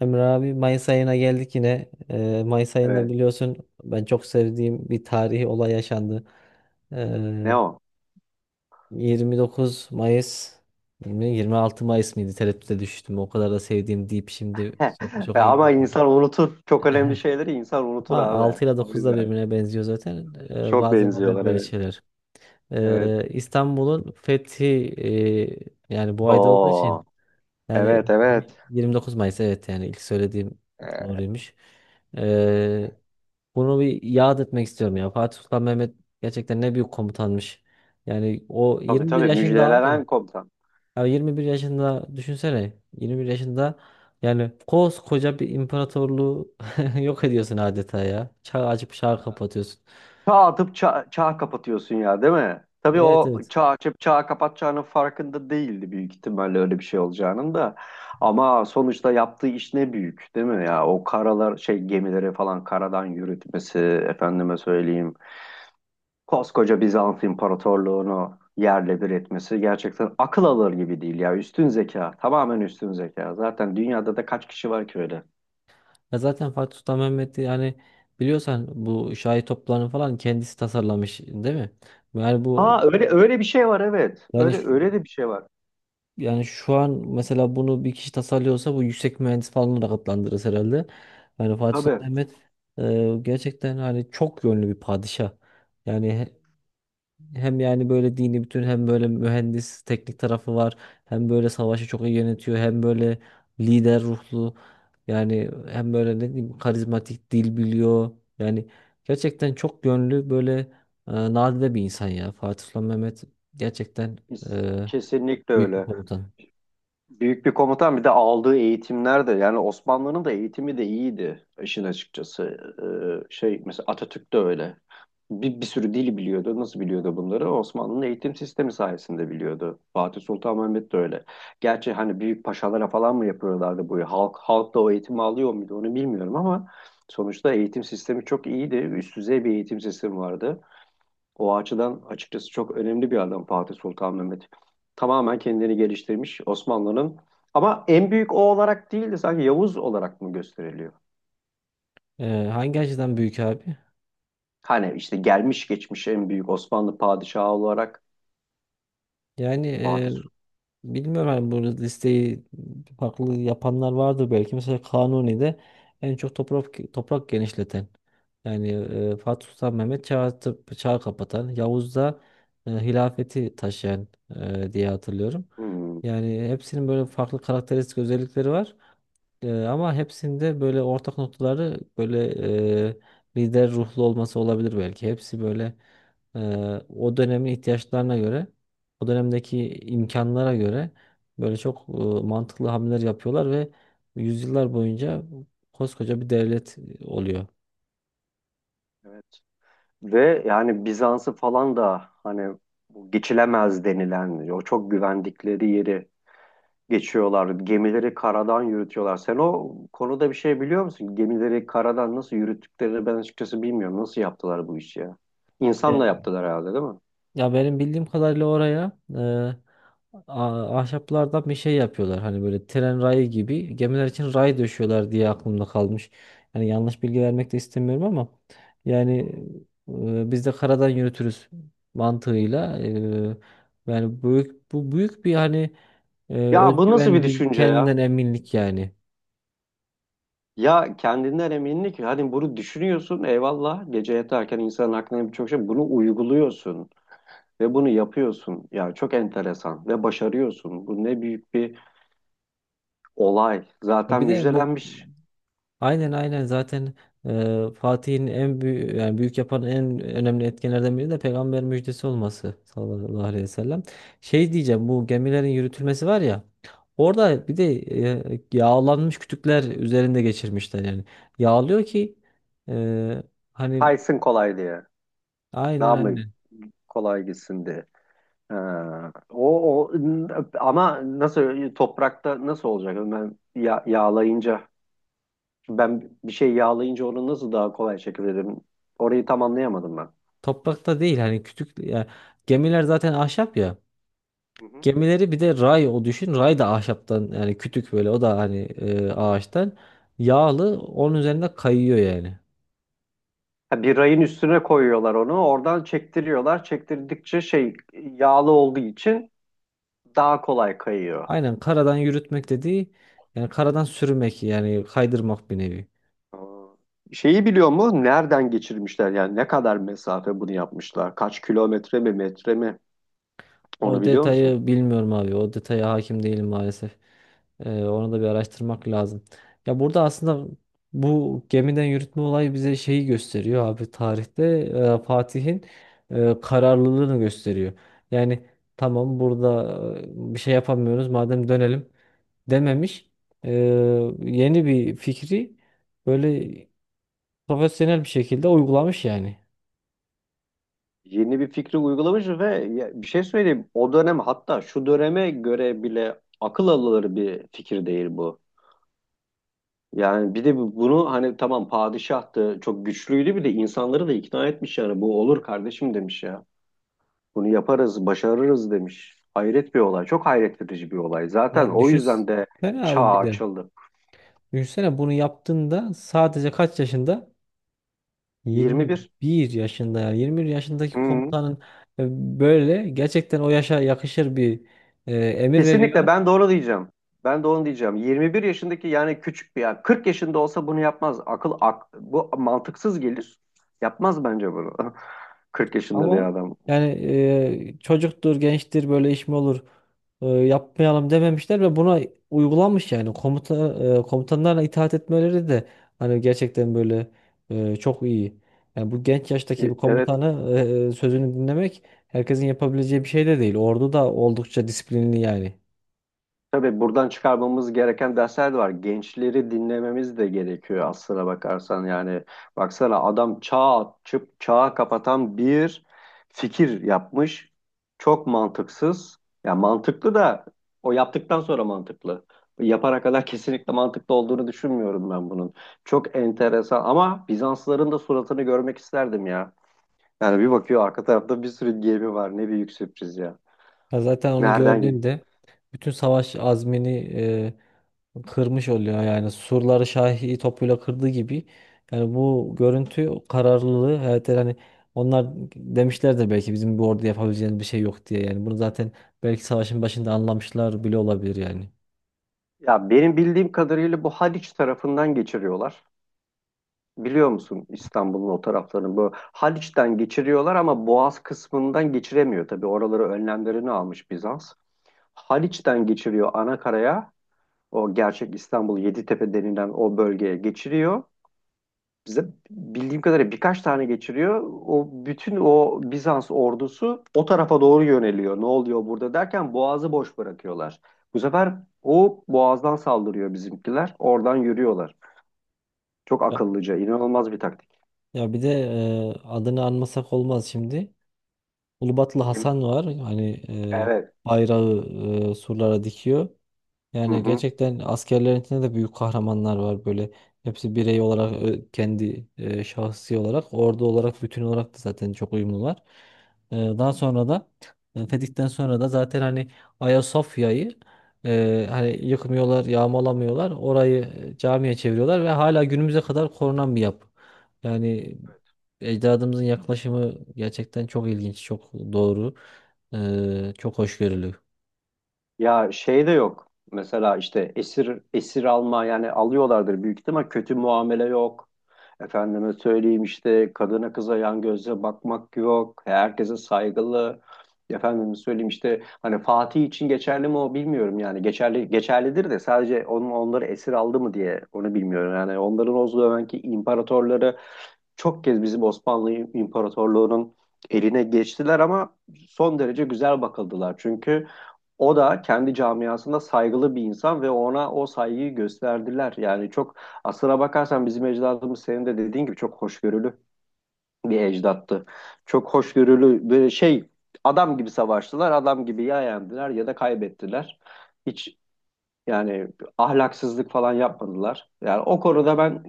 Emre abi Mayıs ayına geldik yine. Mayıs ayında Evet. biliyorsun ben çok sevdiğim bir tarihi olay yaşandı. Ne Ee, o? 29 Mayıs mi, 26 Mayıs mıydı? Tereddüte düştüm. O kadar da sevdiğim deyip şimdi çok çok iyi Ama olmadı. insan unutur. Çok önemli şeyleri insan unutur Ama abi. 6 ile O 9 da yüzden. birbirine benziyor zaten. Çok Bazen oluyor benziyorlar böyle evet. şeyler. Evet. İstanbul'un fethi yani bu ayda olduğu Oo. için. Yani Evet bunu bir evet. 29 Mayıs, evet, yani ilk söylediğim Ee, doğruymuş. Ee, bunu bir yad etmek istiyorum ya. Fatih Sultan Mehmet gerçekten ne büyük komutanmış. Yani o tabii 21 tabii yaşında abim. müjdelenen komutan. Ya 21 yaşında düşünsene. 21 yaşında yani koskoca bir imparatorluğu yok ediyorsun adeta ya. Çağ açıp çağ Ya, kapatıyorsun. çağ atıp çağ kapatıyorsun ya değil mi? Tabii Evet, o evet. çağ açıp çağ kapatacağının farkında değildi büyük ihtimalle öyle bir şey olacağının da. Ama sonuçta yaptığı iş ne büyük değil mi ya? O karalar şey gemileri falan karadan yürütmesi efendime söyleyeyim. Koskoca Bizans İmparatorluğunu yerle bir etmesi gerçekten akıl alır gibi değil ya. Üstün zeka, tamamen üstün zeka. Zaten dünyada da kaç kişi var ki öyle? Ya zaten Fatih Sultan Mehmet'i yani biliyorsan bu şahi toplarını falan kendisi tasarlamış değil mi? Yani bu. Ha öyle öyle bir şey var evet. Yani Öyle şu- öyle de bir şey var. yani şu an mesela bunu bir kişi tasarlıyorsa bu yüksek mühendis falan olarak adlandırırız herhalde. Yani Fatih Sultan Tabii Mehmet gerçekten hani çok yönlü bir padişah. Yani hem yani böyle dini bütün hem böyle mühendis teknik tarafı var. Hem böyle savaşı çok iyi yönetiyor. Hem böyle lider ruhlu. Yani hem böyle ne diyeyim karizmatik, dil biliyor. Yani gerçekten çok yönlü böyle nadide bir insan ya. Fatih Sultan Mehmet gerçekten biz e, kesinlikle büyük bir öyle. komutan. Büyük bir komutan bir de aldığı eğitimler de yani Osmanlı'nın da eğitimi de iyiydi işin açıkçası. Şey mesela Atatürk de öyle. Bir sürü dili biliyordu. Nasıl biliyordu bunları? Osmanlı'nın eğitim sistemi sayesinde biliyordu. Fatih Sultan Mehmet de öyle. Gerçi hani büyük paşalara falan mı yapıyorlardı bu? Halk da o eğitimi alıyor muydu onu bilmiyorum ama sonuçta eğitim sistemi çok iyiydi. Üst düzey bir eğitim sistemi vardı. O açıdan açıkçası çok önemli bir adam Fatih Sultan Mehmet. Tamamen kendini geliştirmiş Osmanlı'nın. Ama en büyük o olarak değil de sanki Yavuz olarak mı gösteriliyor? Hangi açıdan büyük abi? Hani işte gelmiş geçmiş en büyük Osmanlı padişahı olarak Yani Fatih Sultan. bilmiyorum, hani bu listeyi farklı yapanlar vardır belki. Mesela Kanuni'de en çok toprak genişleten. Yani Fatih Sultan Mehmet çağ kapatan. Yavuz'da hilafeti taşıyan diye hatırlıyorum. Hmm, Yani hepsinin böyle farklı karakteristik özellikleri var. Ama hepsinde böyle ortak noktaları böyle e, lider ruhlu olması olabilir belki. Hepsi böyle e, o dönemin ihtiyaçlarına göre, o dönemdeki imkanlara göre böyle çok mantıklı hamleler yapıyorlar ve yüzyıllar boyunca koskoca bir devlet oluyor. evet. Ve yani Bizans'ı falan da hani bu geçilemez denilen o çok güvendikleri yeri geçiyorlar. Gemileri karadan yürütüyorlar. Sen o konuda bir şey biliyor musun? Gemileri karadan nasıl yürüttüklerini ben açıkçası bilmiyorum. Nasıl yaptılar bu işi ya? İnsanla Yani. yaptılar herhalde değil mi? Ya benim bildiğim kadarıyla oraya ahşaplardan bir şey yapıyorlar. Hani böyle tren rayı gibi gemiler için ray döşüyorlar diye aklımda kalmış. Yani yanlış bilgi vermek de istemiyorum ama yani Hı hı. Biz de karadan yürütürüz mantığıyla, yani büyük, bu büyük bir hani Ya bu nasıl özgüven, bir bir düşünce ya? kendinden eminlik yani. Ya kendinden eminlik. Hani bunu düşünüyorsun eyvallah. Gece yatarken insanın aklına birçok şey. Bunu uyguluyorsun. Ve bunu yapıyorsun. Yani çok enteresan. Ve başarıyorsun. Bu ne büyük bir olay. Zaten Bir de bu. müjdelenmiş. Aynen aynen, zaten Fatih'in en büyük, yani büyük yapan en önemli etkenlerden biri de peygamber müjdesi olması, sallallahu aleyhi ve sellem. Şey diyeceğim, bu gemilerin yürütülmesi var ya, Evet. orada bir de yağlanmış kütükler üzerinde geçirmişler yani. Yağlıyor ki e, hani, Kaysın kolay diye. aynen Daha mı aynen. kolay gitsin diye. Ha, o ama nasıl toprakta nasıl olacak? Ben ya- yağlayınca ben bir şey yağlayınca onu nasıl daha kolay çekebilirim? Orayı tam anlayamadım ben. Toprakta değil hani, kütük yani, gemiler zaten ahşap ya. Hı hı. Gemileri bir de ray o düşün. Ray da ahşaptan, yani kütük böyle, o da hani Hı. ağaçtan, yağlı onun üzerinde kayıyor yani. Ha, bir rayın üstüne koyuyorlar onu. Oradan çektiriyorlar. Çektirdikçe şey yağlı olduğu için daha kolay kayıyor. Aynen, karadan yürütmek dediği yani karadan sürmek, yani kaydırmak bir nevi. Aa. Şeyi biliyor mu? Nereden geçirmişler? Yani ne kadar mesafe bunu yapmışlar? Kaç kilometre mi, metre mi? Onu O biliyor musun? detayı bilmiyorum abi. O detaya hakim değilim maalesef. Onu da bir araştırmak lazım. Ya, burada aslında bu gemiden yürütme olayı bize şeyi gösteriyor abi, tarihte Fatih'in kararlılığını gösteriyor. Yani tamam, burada bir şey yapamıyoruz, madem dönelim dememiş. E, yeni bir fikri böyle profesyonel bir şekilde uygulamış yani. Yeni bir fikri uygulamış ve ya bir şey söyleyeyim. O dönem hatta şu döneme göre bile akıl alır bir fikir değil bu. Yani bir de bu- bunu hani tamam padişahtı, çok güçlüydü bir de insanları da ikna etmiş yani bu olur kardeşim demiş ya. Bunu yaparız, başarırız demiş. Hayret bir olay. Çok hayret verici bir olay. Zaten Ya o yüzden de düşünsene abi çağ bir de. açıldı. Düşünsene bunu yaptığında sadece kaç yaşında? 21. 21 yaşında ya. 21 yaşındaki Hı. komutanın e, böyle gerçekten o yaşa yakışır bir emir Kesinlikle veriyor. ben doğru diyeceğim. Ben de onu diyeceğim. 21 yaşındaki yani küçük bir yani 40 yaşında olsa bunu yapmaz. Akıl ak, bu mantıksız gelir. Yapmaz bence bunu. 40 yaşında bir Ama adam. yani çocuktur, gençtir, böyle iş mi olur, yapmayalım dememişler ve buna uygulanmış yani komutanlarla, itaat etmeleri de hani gerçekten böyle çok iyi. Yani bu genç yaştaki bir Evet. komutanı sözünü dinlemek herkesin yapabileceği bir şey de değil. Ordu da oldukça disiplinli yani. Tabii buradan çıkarmamız gereken dersler de var. Gençleri dinlememiz de gerekiyor aslına bakarsan. Yani baksana adam çağ açıp çağı kapatan bir fikir yapmış. Çok mantıksız. Ya mantıklı da o yaptıktan sonra mantıklı. Yapana kadar kesinlikle mantıklı olduğunu düşünmüyorum ben bunun. Çok enteresan ama Bizansların da suratını görmek isterdim ya. Yani bir bakıyor arka tarafta bir sürü gemi var. Ne büyük sürpriz ya. Ya zaten onu Nereden? gördüğünde bütün savaş azmini kırmış oluyor yani, surları Şahi topuyla kırdığı gibi, yani bu görüntü, kararlılığı, evet hani onlar demişler de belki, bizim bu orada yapabileceğimiz bir şey yok diye, yani bunu zaten belki savaşın başında anlamışlar bile olabilir yani. Ya benim bildiğim kadarıyla bu Haliç tarafından geçiriyorlar. Biliyor musun İstanbul'un o taraflarını? Bu Haliç'ten geçiriyorlar ama Boğaz kısmından geçiremiyor tabii. Oraları önlemlerini almış Bizans. Haliç'ten geçiriyor ana karaya. O gerçek İstanbul, Yeditepe denilen o bölgeye geçiriyor bize, bildiğim kadarıyla birkaç tane geçiriyor. O bütün o Bizans ordusu o tarafa doğru yöneliyor. Ne oluyor burada derken boğazı boş bırakıyorlar. Bu sefer o boğazdan saldırıyor bizimkiler. Oradan yürüyorlar. Çok Ya, akıllıca, inanılmaz bir taktik. ya bir de adını anmasak olmaz şimdi. Ulubatlı Kim? Hasan var hani, Evet. e, bayrağı surlara dikiyor. Hı Yani hı. gerçekten askerlerin içinde de büyük kahramanlar var böyle. Hepsi birey olarak, kendi şahsi olarak, ordu olarak, bütün olarak da zaten çok uyumlular. Daha sonra da Fetih'ten sonra da zaten hani Ayasofya'yı hani yıkmıyorlar, yağmalamıyorlar. Orayı camiye çeviriyorlar ve hala günümüze kadar korunan bir yapı. Yani ecdadımızın yaklaşımı gerçekten çok ilginç, çok doğru, çok hoşgörülü. Ya şey de yok. Mesela işte esir esir alma yani alıyorlardır büyük ihtimal, kötü muamele yok. Efendime söyleyeyim işte kadına kıza yan gözle bakmak yok. Herkese saygılı. Efendime söyleyeyim işte hani Fatih için geçerli mi o bilmiyorum yani. Geçerli geçerlidir de sadece onun onları esir aldı mı diye onu bilmiyorum. Yani onların o zamanki imparatorları çok kez bizim Osmanlı İmparatorluğu'nun eline geçtiler ama son derece güzel bakıldılar. Çünkü o da kendi camiasında saygılı bir insan ve ona o saygıyı gösterdiler. Yani çok aslına bakarsan bizim ecdadımız senin de dediğin gibi çok hoşgörülü bir ecdattı. Çok hoşgörülü böyle şey, adam gibi savaştılar, adam gibi ya yendiler ya da kaybettiler. Hiç yani ahlaksızlık falan yapmadılar. Yani o konuda ben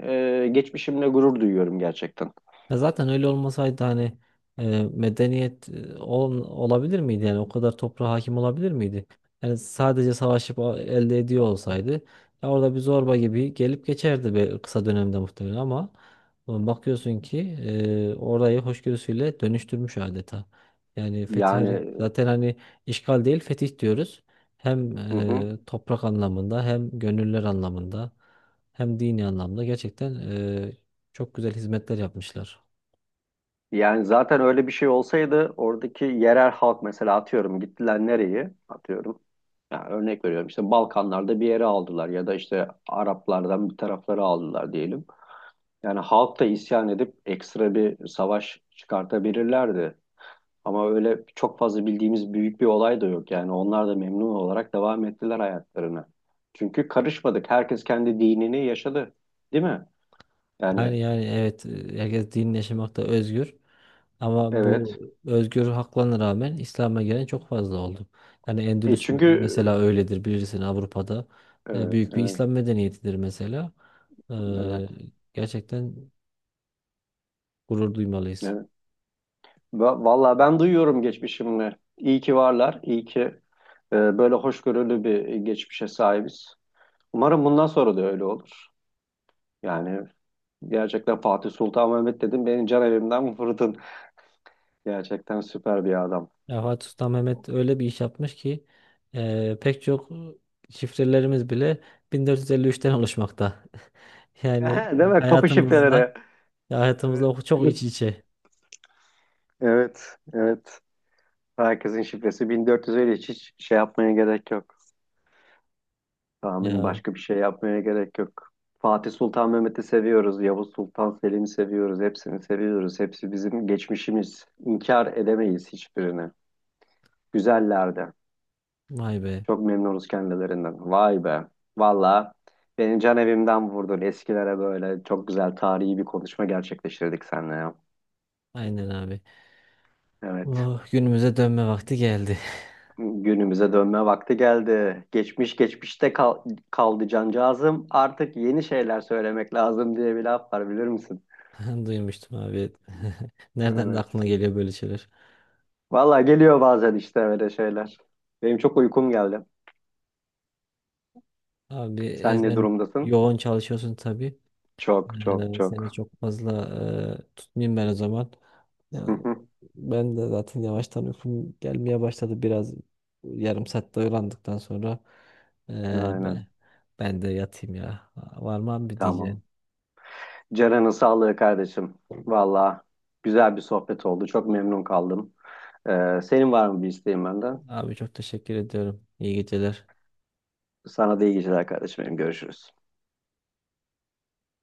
geçmişimle gurur duyuyorum gerçekten. Ya zaten öyle olmasaydı hani medeniyet olabilir miydi, yani o kadar toprağa hakim olabilir miydi? Yani sadece savaşıp elde ediyor olsaydı ya, orada bir zorba gibi gelip geçerdi be, kısa dönemde muhtemelen, ama bakıyorsun ki orayı hoşgörüsüyle dönüştürmüş adeta. Yani Zaten hani işgal değil fetih diyoruz. Hem hı hı. Toprak anlamında, hem gönüller anlamında, hem dini anlamda gerçekten çok güzel hizmetler yapmışlar. Yani zaten öyle bir şey olsaydı oradaki yerel halk mesela atıyorum gittiler nereye atıyorum. Yani örnek veriyorum işte Balkanlarda bir yere aldılar ya da işte Araplardan bir tarafları aldılar diyelim. Yani halk da isyan edip ekstra bir savaş çıkartabilirlerdi. Ama öyle çok fazla bildiğimiz büyük bir olay da yok. Yani onlar da memnun olarak devam ettiler hayatlarına. Çünkü karışmadık. Herkes kendi dinini yaşadı. Değil mi? Yani Yani evet, herkes din yaşamakta özgür, ama bu evet. özgür haklarına rağmen İslam'a gelen çok fazla oldu. Yani E Endülüs çünkü mesela öyledir bilirsin, Avrupa'da. Evet, Büyük bir evet, İslam medeniyetidir mesela. evet, E, gerçekten gurur duymalıyız. evet. Va- Vallahi ben duyuyorum geçmişimle. İyi ki varlar. İyi ki böyle hoşgörülü bir geçmişe sahibiz. Umarım bundan sonra da öyle olur. Yani gerçekten Fatih Sultan Mehmet dedim. Benim can evimden vurdun. Gerçekten süper bir adam. Ya Fatih Sultan Mehmet öyle bir iş yapmış ki pek çok şifrelerimiz bile 1453'ten oluşmakta. Yani Değil mi? Kapı hayatımızla şifreleri. Evet. hayatımızla çok iç içe. Evet, evet. Herkesin şifresi 1400, öyle hiç şey yapmaya gerek yok. Tahmin, Ya başka bir şey yapmaya gerek yok. Fatih Sultan Mehmet'i seviyoruz, Yavuz Sultan Selim'i seviyoruz, hepsini seviyoruz. Hepsi bizim geçmişimiz. İnkar edemeyiz hiçbirini. Güzellerdi. vay be. Çok memnunuz kendilerinden. Vay be. Valla beni can evimden vurdun. Eskilere böyle çok güzel tarihi bir konuşma gerçekleştirdik seninle ya. Aynen abi. Evet. Oh, günümüze dönme vakti geldi. Günümüze dönme vakti geldi. Geçmiş geçmişte kaldı cancağızım. Artık yeni şeyler söylemek lazım diye bir laf var bilir misin? Duymuştum abi. Nereden de aklına Evet. geliyor böyle şeyler? Valla geliyor bazen işte öyle şeyler. Benim çok uykum geldi. Abi Sen ne sen durumdasın? yoğun çalışıyorsun tabii. Çok çok Seni çok. çok fazla tutmayayım ben o zaman. Ya, Hı hı. ben de zaten yavaştan uykum gelmeye başladı. Biraz yarım saatte uyandıktan sonra e, be, Aynen. ben de yatayım ya. Var mı abi Tamam. diyeceğim. Ceren'in sağlığı kardeşim. Valla güzel bir sohbet oldu. Çok memnun kaldım. Senin var mı bir isteğin benden? Abi çok teşekkür ediyorum. İyi geceler. Sana da iyi geceler kardeşim benim. Görüşürüz.